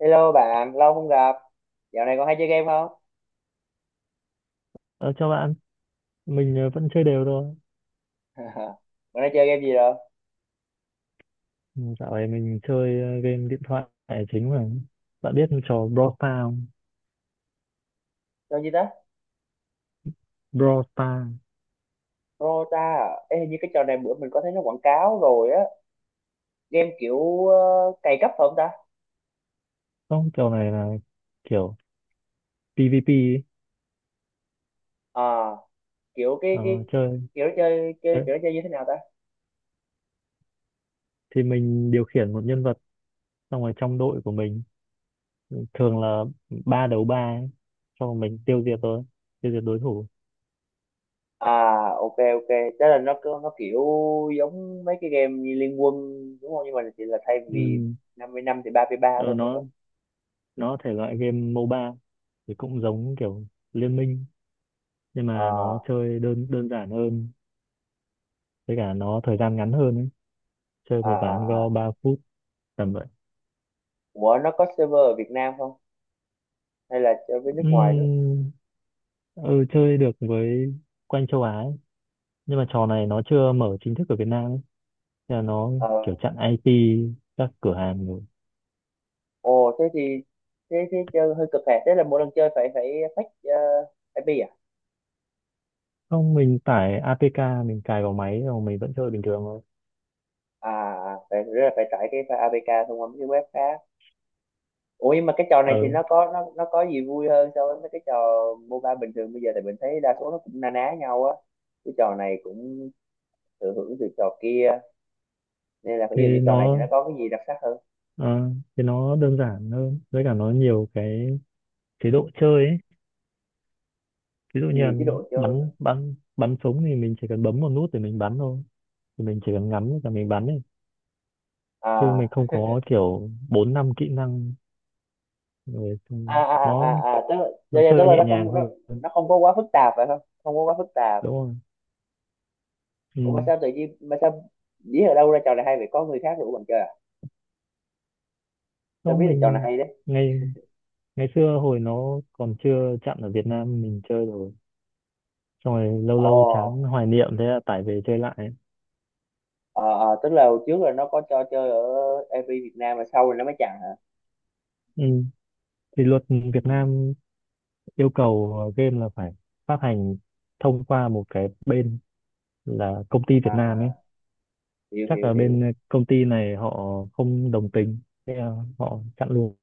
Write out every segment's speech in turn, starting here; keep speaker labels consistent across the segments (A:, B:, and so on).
A: Hello bạn, lâu không gặp. Dạo này còn hay chơi game không?
B: Ờ, chào bạn, mình vẫn chơi đều thôi.
A: Bạn đang chơi game gì rồi?
B: Ừ, dạo này mình chơi game điện thoại là chính mà. Bạn biết trò Brawl Stars không?
A: Chơi gì ta?
B: Brawl Stars.
A: Dota à? Ê, hình như cái trò này bữa mình có thấy nó quảng cáo rồi á. Game kiểu cày cấp phải không ta?
B: Không, trò này là kiểu PvP ấy.
A: À, kiểu cái
B: Ờ, chơi.
A: kiểu nó chơi chơi
B: Đấy.
A: kiểu nó chơi như thế nào ta?
B: Thì mình điều khiển một nhân vật xong rồi trong đội của mình thường là ba đấu ba ấy. Xong rồi mình tiêu diệt thôi, tiêu diệt đối thủ.
A: À, ok ok. Tức là nó kiểu giống mấy cái game như Liên Quân đúng không? Nhưng mà chỉ là thay vì
B: Ừ.
A: 50 năm thì 33
B: Ờ,
A: thôi phải
B: nó
A: không?
B: nó thể loại game MOBA thì cũng giống kiểu Liên Minh, nhưng mà nó
A: À,
B: chơi đơn đơn giản hơn, với cả nó thời gian ngắn hơn ấy. Chơi
A: à
B: một
A: à
B: ván go
A: à.
B: 3 phút tầm vậy.
A: Ủa nó có server ở Việt Nam không? Hay là chơi với nước ngoài
B: Ừm, ừ, chơi được với quanh châu Á ấy. Nhưng mà trò này nó chưa mở chính thức ở Việt Nam ấy. Thế là nó
A: đó?
B: kiểu chặn IP các cửa hàng rồi.
A: Ồ thế thì thế thế chơi hơi cực hẹp, thế là mỗi lần chơi phải phải fetch IP À
B: Không, mình tải APK mình cài vào máy rồi mình vẫn chơi bình thường thôi.
A: à à, phải rất là phải tải cái file APK thông qua mấy cái web khác. Ủa nhưng mà cái trò này thì
B: Ừ.
A: nó có gì vui hơn so với mấy cái trò MOBA bình thường bây giờ, tại mình thấy đa số nó cũng na ná nhau á, cái trò này cũng thừa hưởng từ trò kia, nên là ví dụ như
B: thế
A: trò này thì
B: nó
A: nó có cái gì đặc sắc hơn?
B: ờ, Thế nó đơn giản hơn với cả nó nhiều cái chế độ chơi ấy. Ví dụ như là
A: Nhiều chế độ chơi hả?
B: bắn bắn bắn súng thì mình chỉ cần bấm một nút để mình bắn thôi. Thì mình chỉ cần ngắm và mình bắn ấy, chứ
A: À
B: mình không có kiểu bốn năm kỹ năng rồi
A: à
B: xong
A: à à à
B: nó
A: à, tức là, tức
B: nó
A: là tức
B: chơi
A: là
B: nhẹ nhàng hơn,
A: nó không có quá phức tạp phải không, không có quá phức tạp.
B: đúng không? Ừ.
A: Ủa mà sao tự nhiên, mà sao biết ở đâu ra trò này hay vậy, có người khác rủ bạn chơi à, tao
B: Đó,
A: biết là trò này
B: mình
A: hay đấy?
B: ngày ngày xưa hồi nó còn chưa chạm ở Việt Nam mình chơi rồi. Xong rồi lâu
A: Ồ,
B: lâu chán hoài niệm, thế là tải về chơi lại.
A: ờ ờ, tức là hồi trước là nó có cho chơi ở MV Việt Nam mà sau rồi nó mới chặn hả?
B: Ừ. Thì luật Việt
A: Ừ.
B: Nam yêu cầu game là phải phát hành thông qua một cái bên là công ty
A: À
B: Việt Nam ấy.
A: à, hiểu
B: Chắc
A: hiểu
B: là
A: hiểu.
B: bên công ty này họ không đồng tình, thế là họ chặn luôn.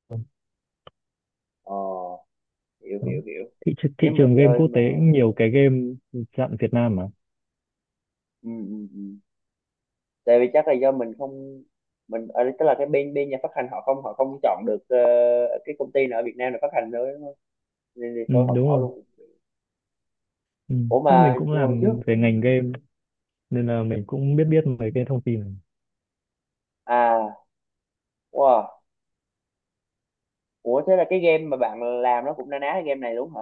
A: Ờ, hiểu
B: Đó.
A: hiểu hiểu.
B: Thị, tr-
A: Nếu
B: thị
A: mà
B: trường game
A: chơi
B: quốc
A: mà
B: tế cũng nhiều cái game dạng Việt Nam mà.
A: ừ, ừ, ừ, tại vì chắc là do mình không, mình ở đây- tức là cái bên bên nhà phát hành họ không chọn được cái công ty nào ở Việt Nam để phát hành nữa đúng không? Nên thì
B: Ừ,
A: thôi họ
B: đúng
A: bỏ
B: rồi.
A: luôn.
B: Ừ.
A: Ủa
B: Trước mình
A: mà
B: cũng
A: hồi trước,
B: làm về ngành game nên là mình cũng biết biết mấy cái thông tin này.
A: à, wow, ủa thế là cái game mà bạn làm nó cũng na ná cái game này đúng hả?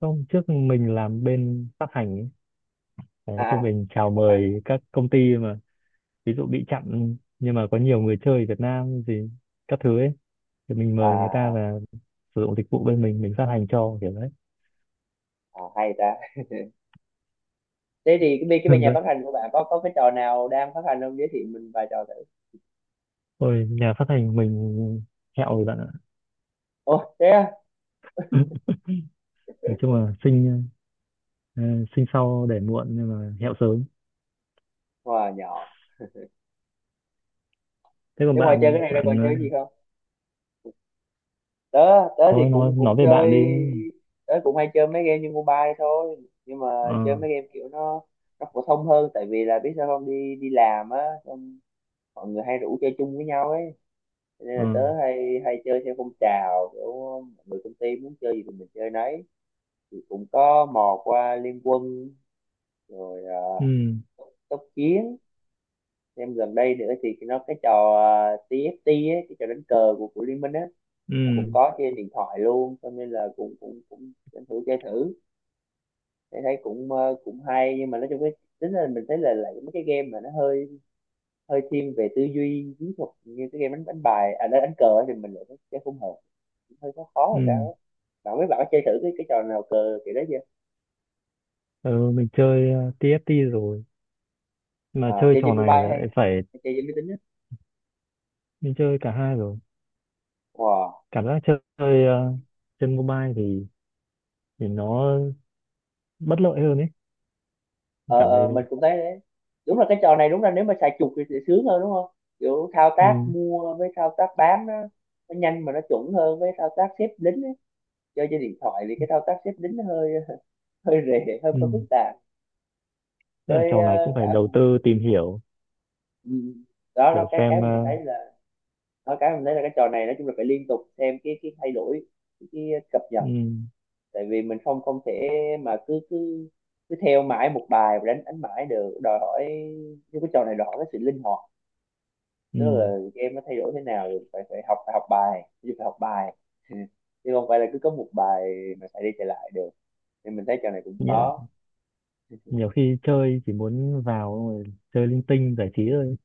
B: Không, trước mình làm bên phát hành ấy. Đấy,
A: À
B: thì
A: à,
B: mình chào
A: game phát hành à,
B: mời các công ty mà ví dụ bị chặn nhưng mà có nhiều người chơi Việt Nam gì các thứ ấy, thì mình
A: à,
B: mời người ta
A: à,
B: là sử dụng dịch vụ bên mình phát hành cho kiểu đấy.
A: à, hay ta. Thế thì cái bên nhà phát hành của bạn có cái trò nào đang phát hành không, giới thiệu mình vài trò thử?
B: Ôi, nhà phát hành mình hẹo rồi bạn ạ.
A: Ồ thế à?
B: Nói chung là Ờ, sinh sau để muộn nhưng mà hẹo sớm.
A: Wow, nhỏ.
B: Thế còn
A: Thế ngoài
B: bạn
A: chơi cái
B: sao?
A: này ra còn chơi gì không? Tớ, tớ thì
B: Thôi, nói
A: cũng
B: nói
A: cũng
B: về
A: chơi,
B: bạn đi.
A: tớ cũng hay chơi mấy game như mobile thôi, nhưng mà
B: Ờ,
A: chơi mấy game kiểu nó phổ thông hơn tại vì là biết sao không, đi đi làm á, xong mọi người hay rủ chơi chung với nhau ấy. Cho nên là
B: ờ,
A: tớ hay hay chơi theo phong trào, kiểu mọi người công ty muốn chơi gì thì mình chơi nấy. Thì cũng có mò qua Liên Quân rồi uh,
B: ừ,
A: tốc chiến. Em gần đây nữa thì nó cái trò TFT ấy, cái trò đánh cờ của Liên Minh á, nó cũng
B: ừ,
A: có trên điện thoại luôn, cho nên là cũng cũng cũng tranh thử chơi thử, thấy thấy cũng cũng hay. Nhưng mà nói chung cái tính là mình thấy là lại mấy cái game mà nó hơi hơi thiên về tư duy chiến thuật, như cái game đánh đánh bài à, đánh, đánh cờ ấy, thì mình lại thấy thấy không hợp, hơi khó khó rồi sao
B: ừ,
A: á. Bạn biết, bạn có chơi thử cái trò nào cờ kiểu đấy chưa?
B: ừ. Mình chơi TFT rồi, mà
A: À,
B: chơi
A: chơi
B: trò
A: trên
B: này
A: mobile hay
B: lại phải.
A: chơi trên máy tính á?
B: Mình chơi cả hai rồi.
A: Wow.
B: Cảm giác chơi chơi, ờ, trên mobile thì nó bất lợi hơn ấy. Mình
A: Ờ
B: cảm thấy
A: ờ,
B: thế.
A: mình cũng thấy đấy, đúng là cái trò này đúng là nếu mà xài chuột thì sẽ sướng hơn đúng không, kiểu thao tác
B: Ừ,
A: mua với thao tác bán nó nhanh mà nó chuẩn hơn, với thao tác xếp lính á. Chơi trên điện thoại thì cái thao tác xếp lính nó hơi hơi rề, hơi
B: ừ.
A: phức tạp.
B: Tức là
A: Với
B: trò này cũng phải
A: cả
B: đầu tư tìm hiểu.
A: ừ, đó,
B: Kiểu
A: đó cái
B: xem
A: mà mình thấy là đó, cái mình thấy là cái trò này nói chung là phải liên tục xem cái thay đổi, cái cập nhật,
B: ừ,
A: tại vì mình không không thể mà cứ cứ cứ theo mãi một bài và đánh đánh mãi được, đòi hỏi, như cái trò này đòi hỏi cái sự linh hoạt,
B: ừ.
A: tức là game nó thay đổi thế nào thì phải phải học, phải học bài chứ, phải học bài, chứ không phải là cứ có một bài mà chạy đi chạy lại được. Nên mình thấy trò này cũng
B: nhiều,
A: khó.
B: nhiều khi chơi chỉ muốn vào rồi chơi linh tinh giải trí thôi.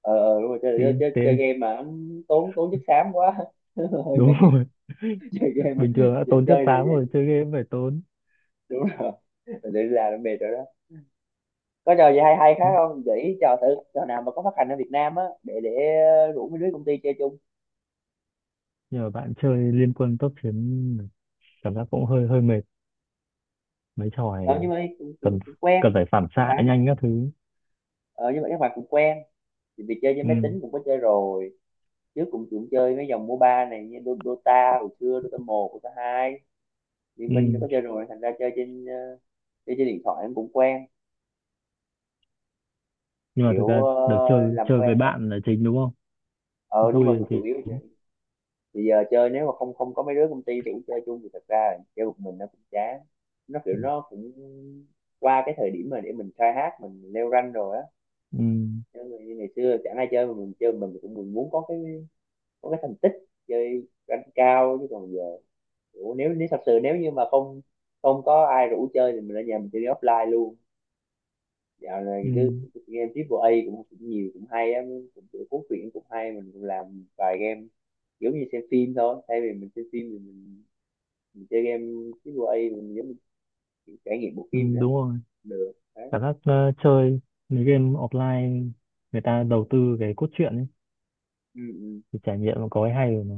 A: Ờ ờ, đúng rồi, chơi, chơi,
B: Phim
A: chơi, chơi
B: tên.
A: game mà tốn tốn chất xám quá, hơi
B: Đúng
A: mệt.
B: rồi.
A: Chơi game mà
B: Bình thường đã
A: chơi,
B: tốn chất
A: chơi thì
B: xám
A: vậy,
B: rồi, chơi game phải tốn.
A: đúng rồi, mình tự ra nó mệt rồi đó. Có trò gì hay hay khác không, gợi ý trò thử, trò nào mà có phát hành ở Việt Nam á để rủ mấy đứa công ty chơi chung.
B: Nhờ bạn chơi Liên Quân Tốc Chiến, cảm giác cũng hơi hơi mệt. Mấy trò
A: Ờ,
B: này
A: nhưng mà cũng, cũng,
B: cần
A: cũng quen.
B: cần phải phản
A: Các
B: xạ
A: bạn
B: nhanh các thứ.
A: ờ, nhưng mà các bạn cũng quen, thì vì chơi với
B: Ừ,
A: máy tính cũng có chơi rồi, trước cũng cũng chơi mấy dòng MOBA này, như Dota hồi xưa, Dota 1, Dota 2, Liên
B: ừ.
A: Minh cũng có chơi rồi, thành ra chơi trên chơi trên điện thoại em cũng quen,
B: Nhưng mà thực
A: kiểu
B: ra được chơi
A: làm
B: chơi
A: quen
B: với
A: không.
B: bạn là chính, đúng không?
A: Ờ đúng rồi thì
B: Vui
A: chủ
B: thì.
A: yếu, thì giờ chơi nếu mà không không có mấy đứa công ty thì cũng chơi chung, thì thật ra là chơi một mình nó cũng chán, nó kiểu nó cũng qua cái thời điểm mà để mình khai hát mình leo rank rồi á.
B: Ừ,
A: Chứ như ngày xưa chẳng ai chơi mà mình chơi, mình cũng mình muốn có cái, có cái thành tích chơi rank cao, chứ còn giờ, ủa, nếu nếu thật sự nếu như mà không không có ai rủ chơi thì mình ở nhà mình chơi offline luôn. Dạo này
B: ừ,
A: cứ cứ game triple A cũng, cũng nhiều cũng hay á, cũng cũng cuốn truyện cũng hay, mình cũng làm vài game, giống như xem phim thôi, thay vì mình xem phim thì mình chơi game, cái quay mình giống như trải nghiệm bộ
B: ừ,
A: phim vậy đó,
B: đúng rồi.
A: được đấy.
B: Cảm giác chơi mấy game offline, người ta đầu tư cái cốt truyện ấy,
A: Ừ, ừ.
B: thì trải nghiệm nó có cái hay của nó.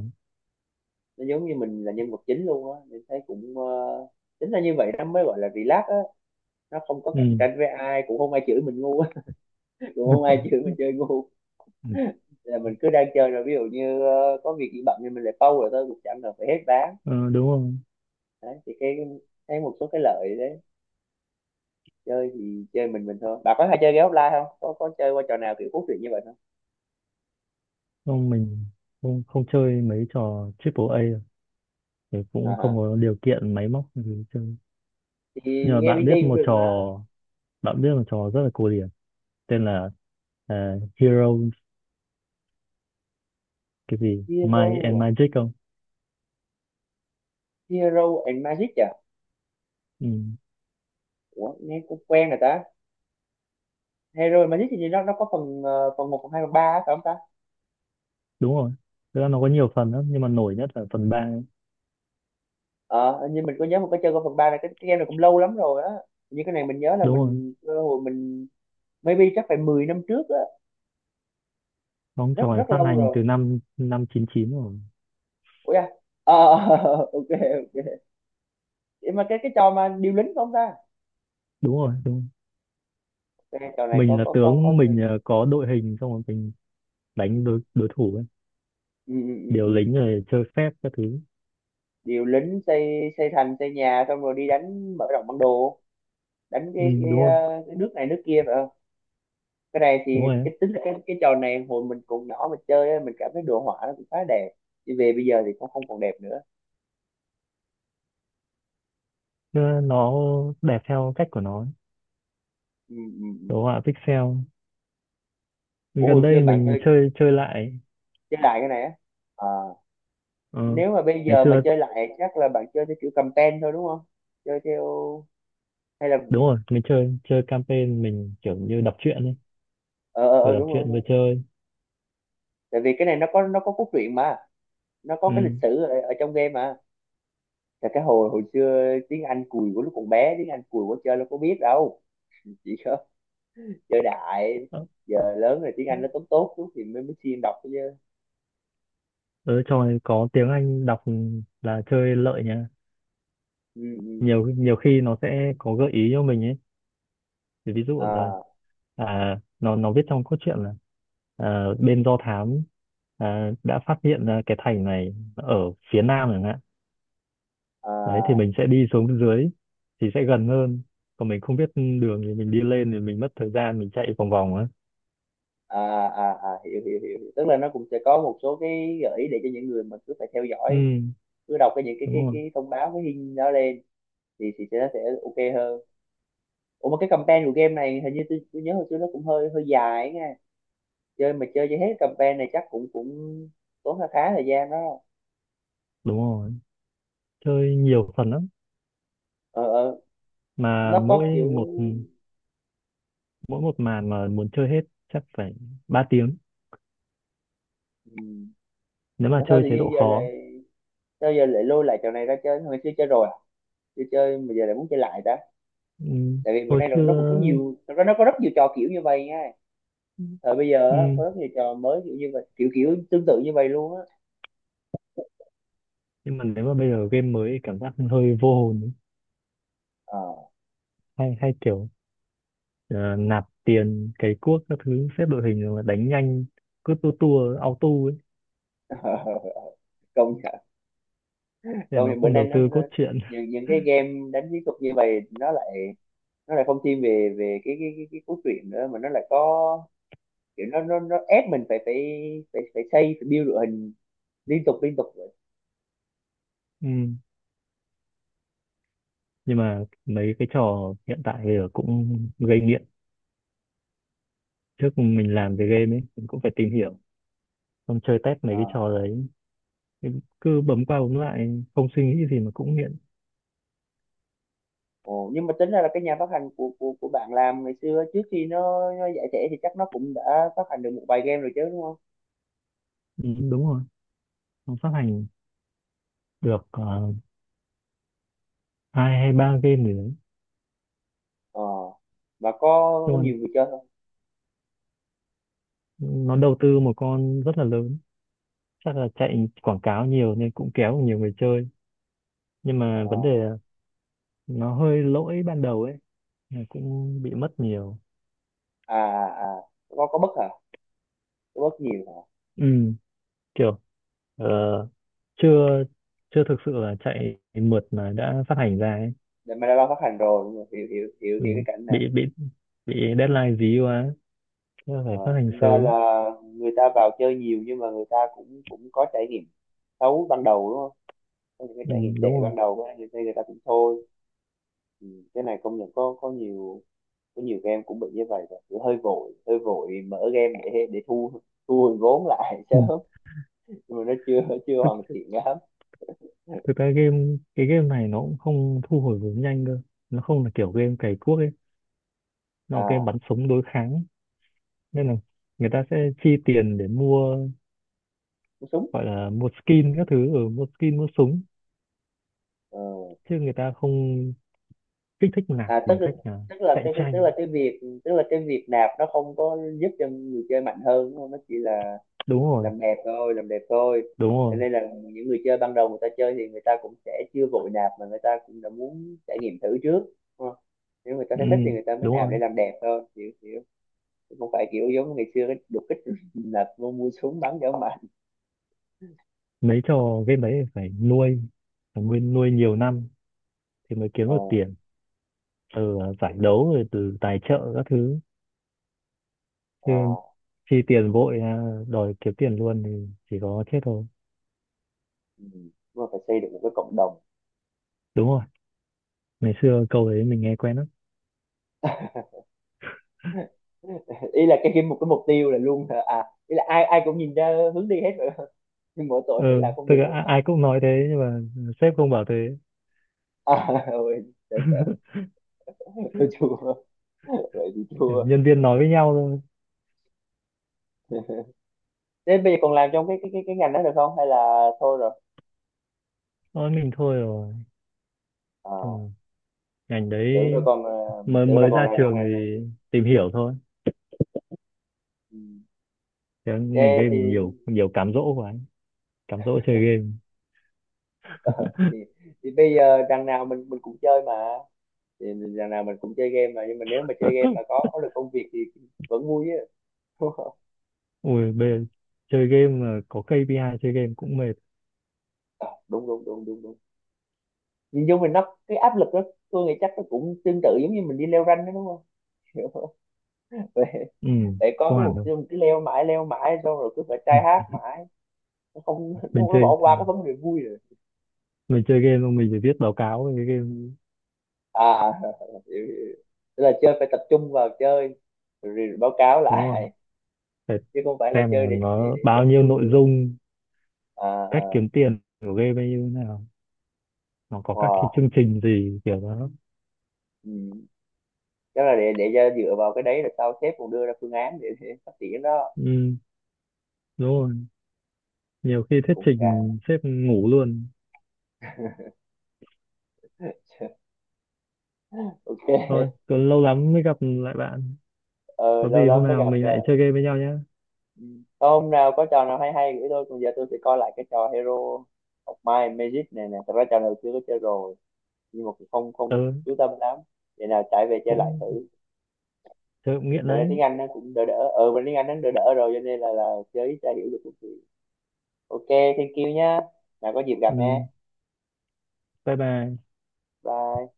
A: Nó giống như mình là nhân vật chính luôn á, mình thấy cũng tính ra như vậy nó mới gọi là relax á, nó không có cạnh
B: Ừ.
A: tranh với ai, cũng không ai chửi mình ngu á, cũng không ai chửi mình chơi ngu, là mình cứ đang chơi rồi ví dụ như có việc gì bận thì mình lại pause rồi thôi, cũng chẳng cần phải hết ván.
B: Ừ, đúng rồi.
A: Đấy thì cái thấy một số cái lợi đấy. Chơi thì chơi mình thôi. Bà có hay chơi game offline không, có có chơi qua trò nào kiểu cốt truyện như vậy không?
B: Không, mình không không chơi mấy trò triple A đâu. Thì
A: À,
B: cũng không
A: hả.
B: có điều kiện máy móc gì để chơi.
A: Thì
B: Nhưng mà
A: game indie cũng được mà.
B: bạn biết một trò rất là cổ điển, tên là Heroes cái gì Might and
A: Hero,
B: Magic không?
A: Hero and Magic à?
B: Ừ,
A: Ủa, nghe cũng quen rồi ta. Hero and Magic thì như nó có phần phần 1, phần 2, phần 3 á, phải không ta?
B: đúng rồi. Thực ra nó có nhiều phần lắm, nhưng mà nổi nhất là phần 3.
A: Ờ hình như mình có nhớ mình có chơi qua phần 3 này, cái game này cũng lâu lắm rồi á, như cái này mình nhớ là
B: Đúng rồi,
A: mình cơ hội mình maybe chắc phải 10 năm trước á,
B: bóng
A: rất
B: trò này
A: rất
B: phát
A: lâu
B: hành
A: rồi.
B: từ năm năm chín chín rồi.
A: Ủa, à, ờ, ok ok. Nhưng mà cái trò mà điều lính phải không ta?
B: Đúng rồi, đúng rồi.
A: Cái trò này
B: Mình là
A: có
B: tướng, mình có đội hình xong rồi mình đánh đối đối thủ ấy.
A: ừ, ừ, ừ,
B: Điều
A: ừ.
B: lính rồi chơi phép các thứ.
A: Điều lính, xây xây thành, xây nhà, xong rồi đi đánh, mở rộng bản đồ, đánh
B: Ừ,
A: cái,
B: đúng rồi,
A: ờ, cái nước này nước kia. Cái này thì
B: đúng rồi.
A: cái tính là cái trò này hồi mình còn nhỏ mà chơi á, mình cảm thấy đồ họa nó cũng khá đẹp, đi về bây giờ thì cũng không còn đẹp nữa.
B: Chứ nó đẹp theo cách của nó.
A: Ừ, ừ, ừ.
B: Đồ họa pixel.
A: Ủa hồi
B: Gần
A: xưa
B: đây
A: bạn
B: mình
A: chơi,
B: chơi chơi lại.
A: chơi lại cái này á? À,
B: ờ,
A: nếu mà bây
B: Ngày
A: giờ mà
B: xưa,
A: chơi lại chắc là bạn chơi theo kiểu cầm ten thôi đúng không, chơi theo hay là
B: đúng rồi, mình chơi chơi campaign, mình kiểu như đọc truyện ấy.
A: ờ ờ
B: Vừa
A: ờ,
B: đọc
A: đúng
B: truyện vừa
A: không?
B: chơi.
A: Tại vì cái này nó có, nó có cốt truyện mà, nó có cái
B: Ừ.
A: lịch sử ở, ở trong game mà, là cái hồi hồi xưa tiếng Anh cùi của lúc còn bé tiếng Anh cùi của chơi nó có biết đâu, chỉ giờ đại,
B: Ờ,
A: giờ lớn rồi tiếng Anh nó tốt tốt chút thì mới mới siêng đọc chứ.
B: ờ, trò này có tiếng Anh đọc là chơi lợi nha.
A: Ừ, ừ.
B: Nhiều nhiều khi nó sẽ có gợi ý cho mình ấy. Thì ví dụ là,
A: à,
B: nó viết trong cốt truyện là, bên do thám đã phát hiện ra cái thành này ở phía nam chẳng hạn. Đấy thì
A: à,
B: mình sẽ đi xuống dưới thì sẽ gần hơn, còn mình không biết đường thì mình đi lên thì mình mất thời gian mình chạy vòng vòng á.
A: à, hiểu, hiểu hiểu hiểu tức là nó cũng sẽ có một số cái gợi ý để cho những người mà cứ phải theo
B: Ừ,
A: dõi, cứ đọc cái những cái
B: đúng
A: cái
B: rồi,
A: cái thông báo cái hình đó lên thì sẽ nó sẽ ok hơn. Ủa mà cái campaign của game này hình như tôi nhớ hồi xưa nó cũng hơi hơi dài ấy nha. Chơi mà chơi cho hết campaign này chắc cũng cũng tốn khá khá thời gian đó.
B: đúng rồi. Chơi nhiều phần lắm.
A: Ờ.
B: Mà
A: Nó có kiểu
B: một mỗi một màn mà muốn chơi hết chắc phải 3 tiếng,
A: ừ,
B: nếu mà
A: mà sao
B: chơi
A: tự
B: chế
A: nhiên
B: độ
A: giờ
B: khó.
A: lại, sao giờ lại lôi lại trò này ra chơi, hồi xưa chơi rồi à? Chưa chơi mà giờ lại muốn chơi lại ta?
B: Ừ.
A: Tại vì bữa
B: Hồi
A: nay nó cũng có
B: xưa.
A: nhiều, thật ra nó có rất nhiều trò kiểu như vậy nha. Thời bây giờ
B: Ừ.
A: á, có rất nhiều trò mới kiểu như vậy, kiểu kiểu tương tự như vậy luôn á.
B: Nhưng mà nếu mà bây giờ game mới thì cảm giác hơi vô hồn ấy.
A: Ờ.
B: Hay hay kiểu ờ, nạp tiền cày cuốc các thứ, xếp đội hình rồi mà đánh nhanh, cứ tua tua auto ấy.
A: Công nhận.
B: Thế là
A: Công
B: nó
A: nhận bữa
B: không
A: nay
B: đầu
A: nó,
B: tư
A: nó
B: cốt truyện.
A: những cái game đánh chiến thuật như vậy nó lại, nó lại không thiên về về cái cốt truyện nữa mà nó lại có kiểu, nó ép mình phải phải phải phải xây, phải build đội hình liên tục vậy.
B: Ừ. Nhưng mà mấy cái trò hiện tại thì cũng gây nghiện. Trước mình
A: Ừ.
B: làm về game ấy, mình cũng phải tìm hiểu. Xong chơi test mấy
A: Ờ.
B: cái trò đấy. Thì cứ bấm qua bấm lại, không suy nghĩ gì mà cũng nghiện.
A: Ồ, nhưng mà tính ra là cái nhà phát hành của bạn làm ngày xưa trước khi nó giải thể thì chắc nó cũng đã phát hành được một vài game rồi chứ đúng không?
B: Ừ, đúng rồi. Nó phát hành được hai hay ba game gì đấy.
A: Ờ. Và
B: Nhưng
A: có
B: mà
A: nhiều người chơi không?
B: nó đầu tư một con rất là lớn. Chắc là chạy quảng cáo nhiều nên cũng kéo được nhiều người chơi. Nhưng mà
A: Ờ.
B: vấn đề là nó hơi lỗi ban đầu ấy. Là cũng bị mất nhiều.
A: À à. Có bất hả? Có bất nhiều hả?
B: Ừ, kiểu Ờ, chưa chưa thực sự là chạy mượt mà đã phát hành ra ấy.
A: Để mà đã lo phát hành rồi, đúng rồi. Hiểu hiểu hiểu hiểu cái
B: Ừ,
A: cảnh này.
B: bị deadline dí quá. Thế là phải
A: Ờ.
B: phát hành
A: Thành ra
B: sớm.
A: là người ta vào chơi nhiều nhưng mà người ta cũng cũng có trải nghiệm xấu ban đầu đúng không? Có những cái
B: Ừ,
A: trải nghiệm
B: đúng
A: tệ
B: rồi.
A: ban đầu á, người ta cũng thôi. Ừ, cái này công nhận có nhiều game cũng bị như vậy rồi. Kiểu hơi vội mở game để thu, thu hồi vốn lại
B: Ừ.
A: sớm nhưng mà nó chưa chưa
B: thực,
A: hoàn thiện lắm.
B: thực ra cái game này nó cũng không thu hồi vốn nhanh cơ. Nó không là kiểu game cày cuốc ấy, nó là game
A: À
B: bắn súng đối kháng. Nên là người ta sẽ chi tiền để mua,
A: cú súng.
B: gọi là mua skin các thứ ở, mua skin mua súng.
A: Ờ.
B: Chứ người ta không kích thích nạp
A: À
B: bằng
A: tức là,
B: cách là
A: tức là
B: cạnh
A: cái- tức
B: tranh.
A: là cái việc tức là cái việc nạp nó không có giúp cho người chơi mạnh hơn đúng không, nó chỉ là
B: Đúng rồi,
A: làm đẹp thôi, làm đẹp thôi.
B: đúng
A: Cho
B: rồi.
A: nên là những người chơi ban đầu người ta chơi thì người ta cũng sẽ chưa vội nạp mà người ta cũng đã muốn trải nghiệm thử trước đúng không? Nếu người ta thấy
B: Ừ.
A: thích thì người ta mới
B: Đúng
A: nạp để
B: rồi,
A: làm đẹp thôi. Hiểu hiểu không phải kiểu giống ngày xưa cái đột kích là mua súng bắn dã mà.
B: mấy trò game đấy phải nuôi, phải nguyên nuôi nhiều năm thì mới kiếm
A: Ờ,
B: được tiền từ giải
A: đúng đúng
B: đấu rồi từ tài trợ các thứ.
A: Ờ,
B: Chứ chi tiền vội, đòi kiếm tiền luôn thì chỉ có chết thôi.
A: ừ. Nhưng mà phải xây được một cái cộng đồng.
B: Đúng rồi, ngày xưa câu đấy mình nghe quen lắm.
A: Ý là cái một cái mục tiêu là luôn hả? À ý là ai ai cũng nhìn ra hướng đi hết rồi. Nhưng mỗi tội phải là
B: Ừ,
A: không
B: thực
A: được
B: ra
A: nữa hả?
B: ai cũng nói thế nhưng mà sếp không bảo thế.
A: À, ôi sợ sợ Tôi chua, vậy thì
B: Kiểu
A: chua.
B: nhân viên nói với nhau thôi.
A: Thế bây giờ còn làm trong cái ngành đó được không hay là thôi rồi?
B: Nói mình thôi rồi. Chứ
A: À,
B: mà ngành đấy
A: tưởng đâu còn, ờ,
B: mới
A: tưởng là
B: mới
A: còn
B: ra
A: làm trong
B: trường
A: ngành này.
B: thì tìm hiểu thôi.
A: Ừ.
B: Thế ngành
A: Thế
B: game
A: thì
B: thì nhiều nhiều cám dỗ quá, cám dỗ chơi game.
A: ờ, thì bây giờ đằng nào mình cũng chơi mà, thì đằng nào mình cũng chơi game mà, nhưng mà nếu mà chơi game mà có được công việc thì vẫn vui á. Đúng.
B: Ui, bây giờ chơi game mà có KPI, chơi game cũng mệt.
A: Ờ, đúng đúng đúng đúng đúng Nhìn chung mình nó cái áp lực đó, tôi nghĩ chắc nó cũng tương tự giống như mình đi leo ranh đó đúng không? Vậy,
B: Ừ,
A: vậy có
B: không
A: cái
B: hẳn
A: mục
B: đâu.
A: tiêu mình cứ leo mãi xong rồi cứ phải try hard mãi, nó không nó,
B: Mình
A: nó
B: chơi
A: bỏ qua cái vấn đề vui rồi.
B: mình chơi game xong mình phải viết báo cáo về cái game,
A: À hiểu. Tức là chơi phải tập trung vào chơi rồi báo cáo
B: đúng không?
A: lại
B: Phải
A: chứ không phải là
B: xem
A: chơi
B: là
A: để
B: nó
A: để cho
B: bao nhiêu
A: vui
B: nội
A: nữa.
B: dung,
A: à,
B: cách
A: à,
B: kiếm tiền của game bao nhiêu thế nào, nó có các cái
A: wow.
B: chương trình gì kiểu đó.
A: Ừ. Chắc là để cho dựa vào cái đấy là sau sếp còn đưa ra phương án để phát triển đó.
B: Ừ, đúng rồi. Nhiều khi thuyết
A: Cũng càng
B: trình sếp ngủ luôn.
A: ok.
B: Thôi, còn lâu lắm mới gặp lại bạn.
A: Ờ,
B: Có
A: lâu
B: gì hôm
A: lắm mới
B: nào
A: gặp
B: mình
A: rồi.
B: lại chơi game với nhau nhé.
A: Ừ. Có hôm nào có trò nào hay hay gửi tôi, còn giờ tôi sẽ coi lại cái trò Hero of Might and Magic này nè. Thật ra trò này chưa có chơi rồi nhưng mà cũng không không
B: Ừ,
A: chú tâm lắm. Để nào trải về chơi lại
B: cũng
A: thử.
B: chơi cũng nghiện
A: Bữa nay
B: đấy.
A: tiếng Anh nó cũng đỡ đỡ, ờ bữa nay tiếng Anh nó đỡ đỡ rồi cho nên là chơi ít ra hiểu được một chút. Ok, thank you nhá, nào có dịp gặp
B: Ừ,
A: nha.
B: bye bye.
A: Bye.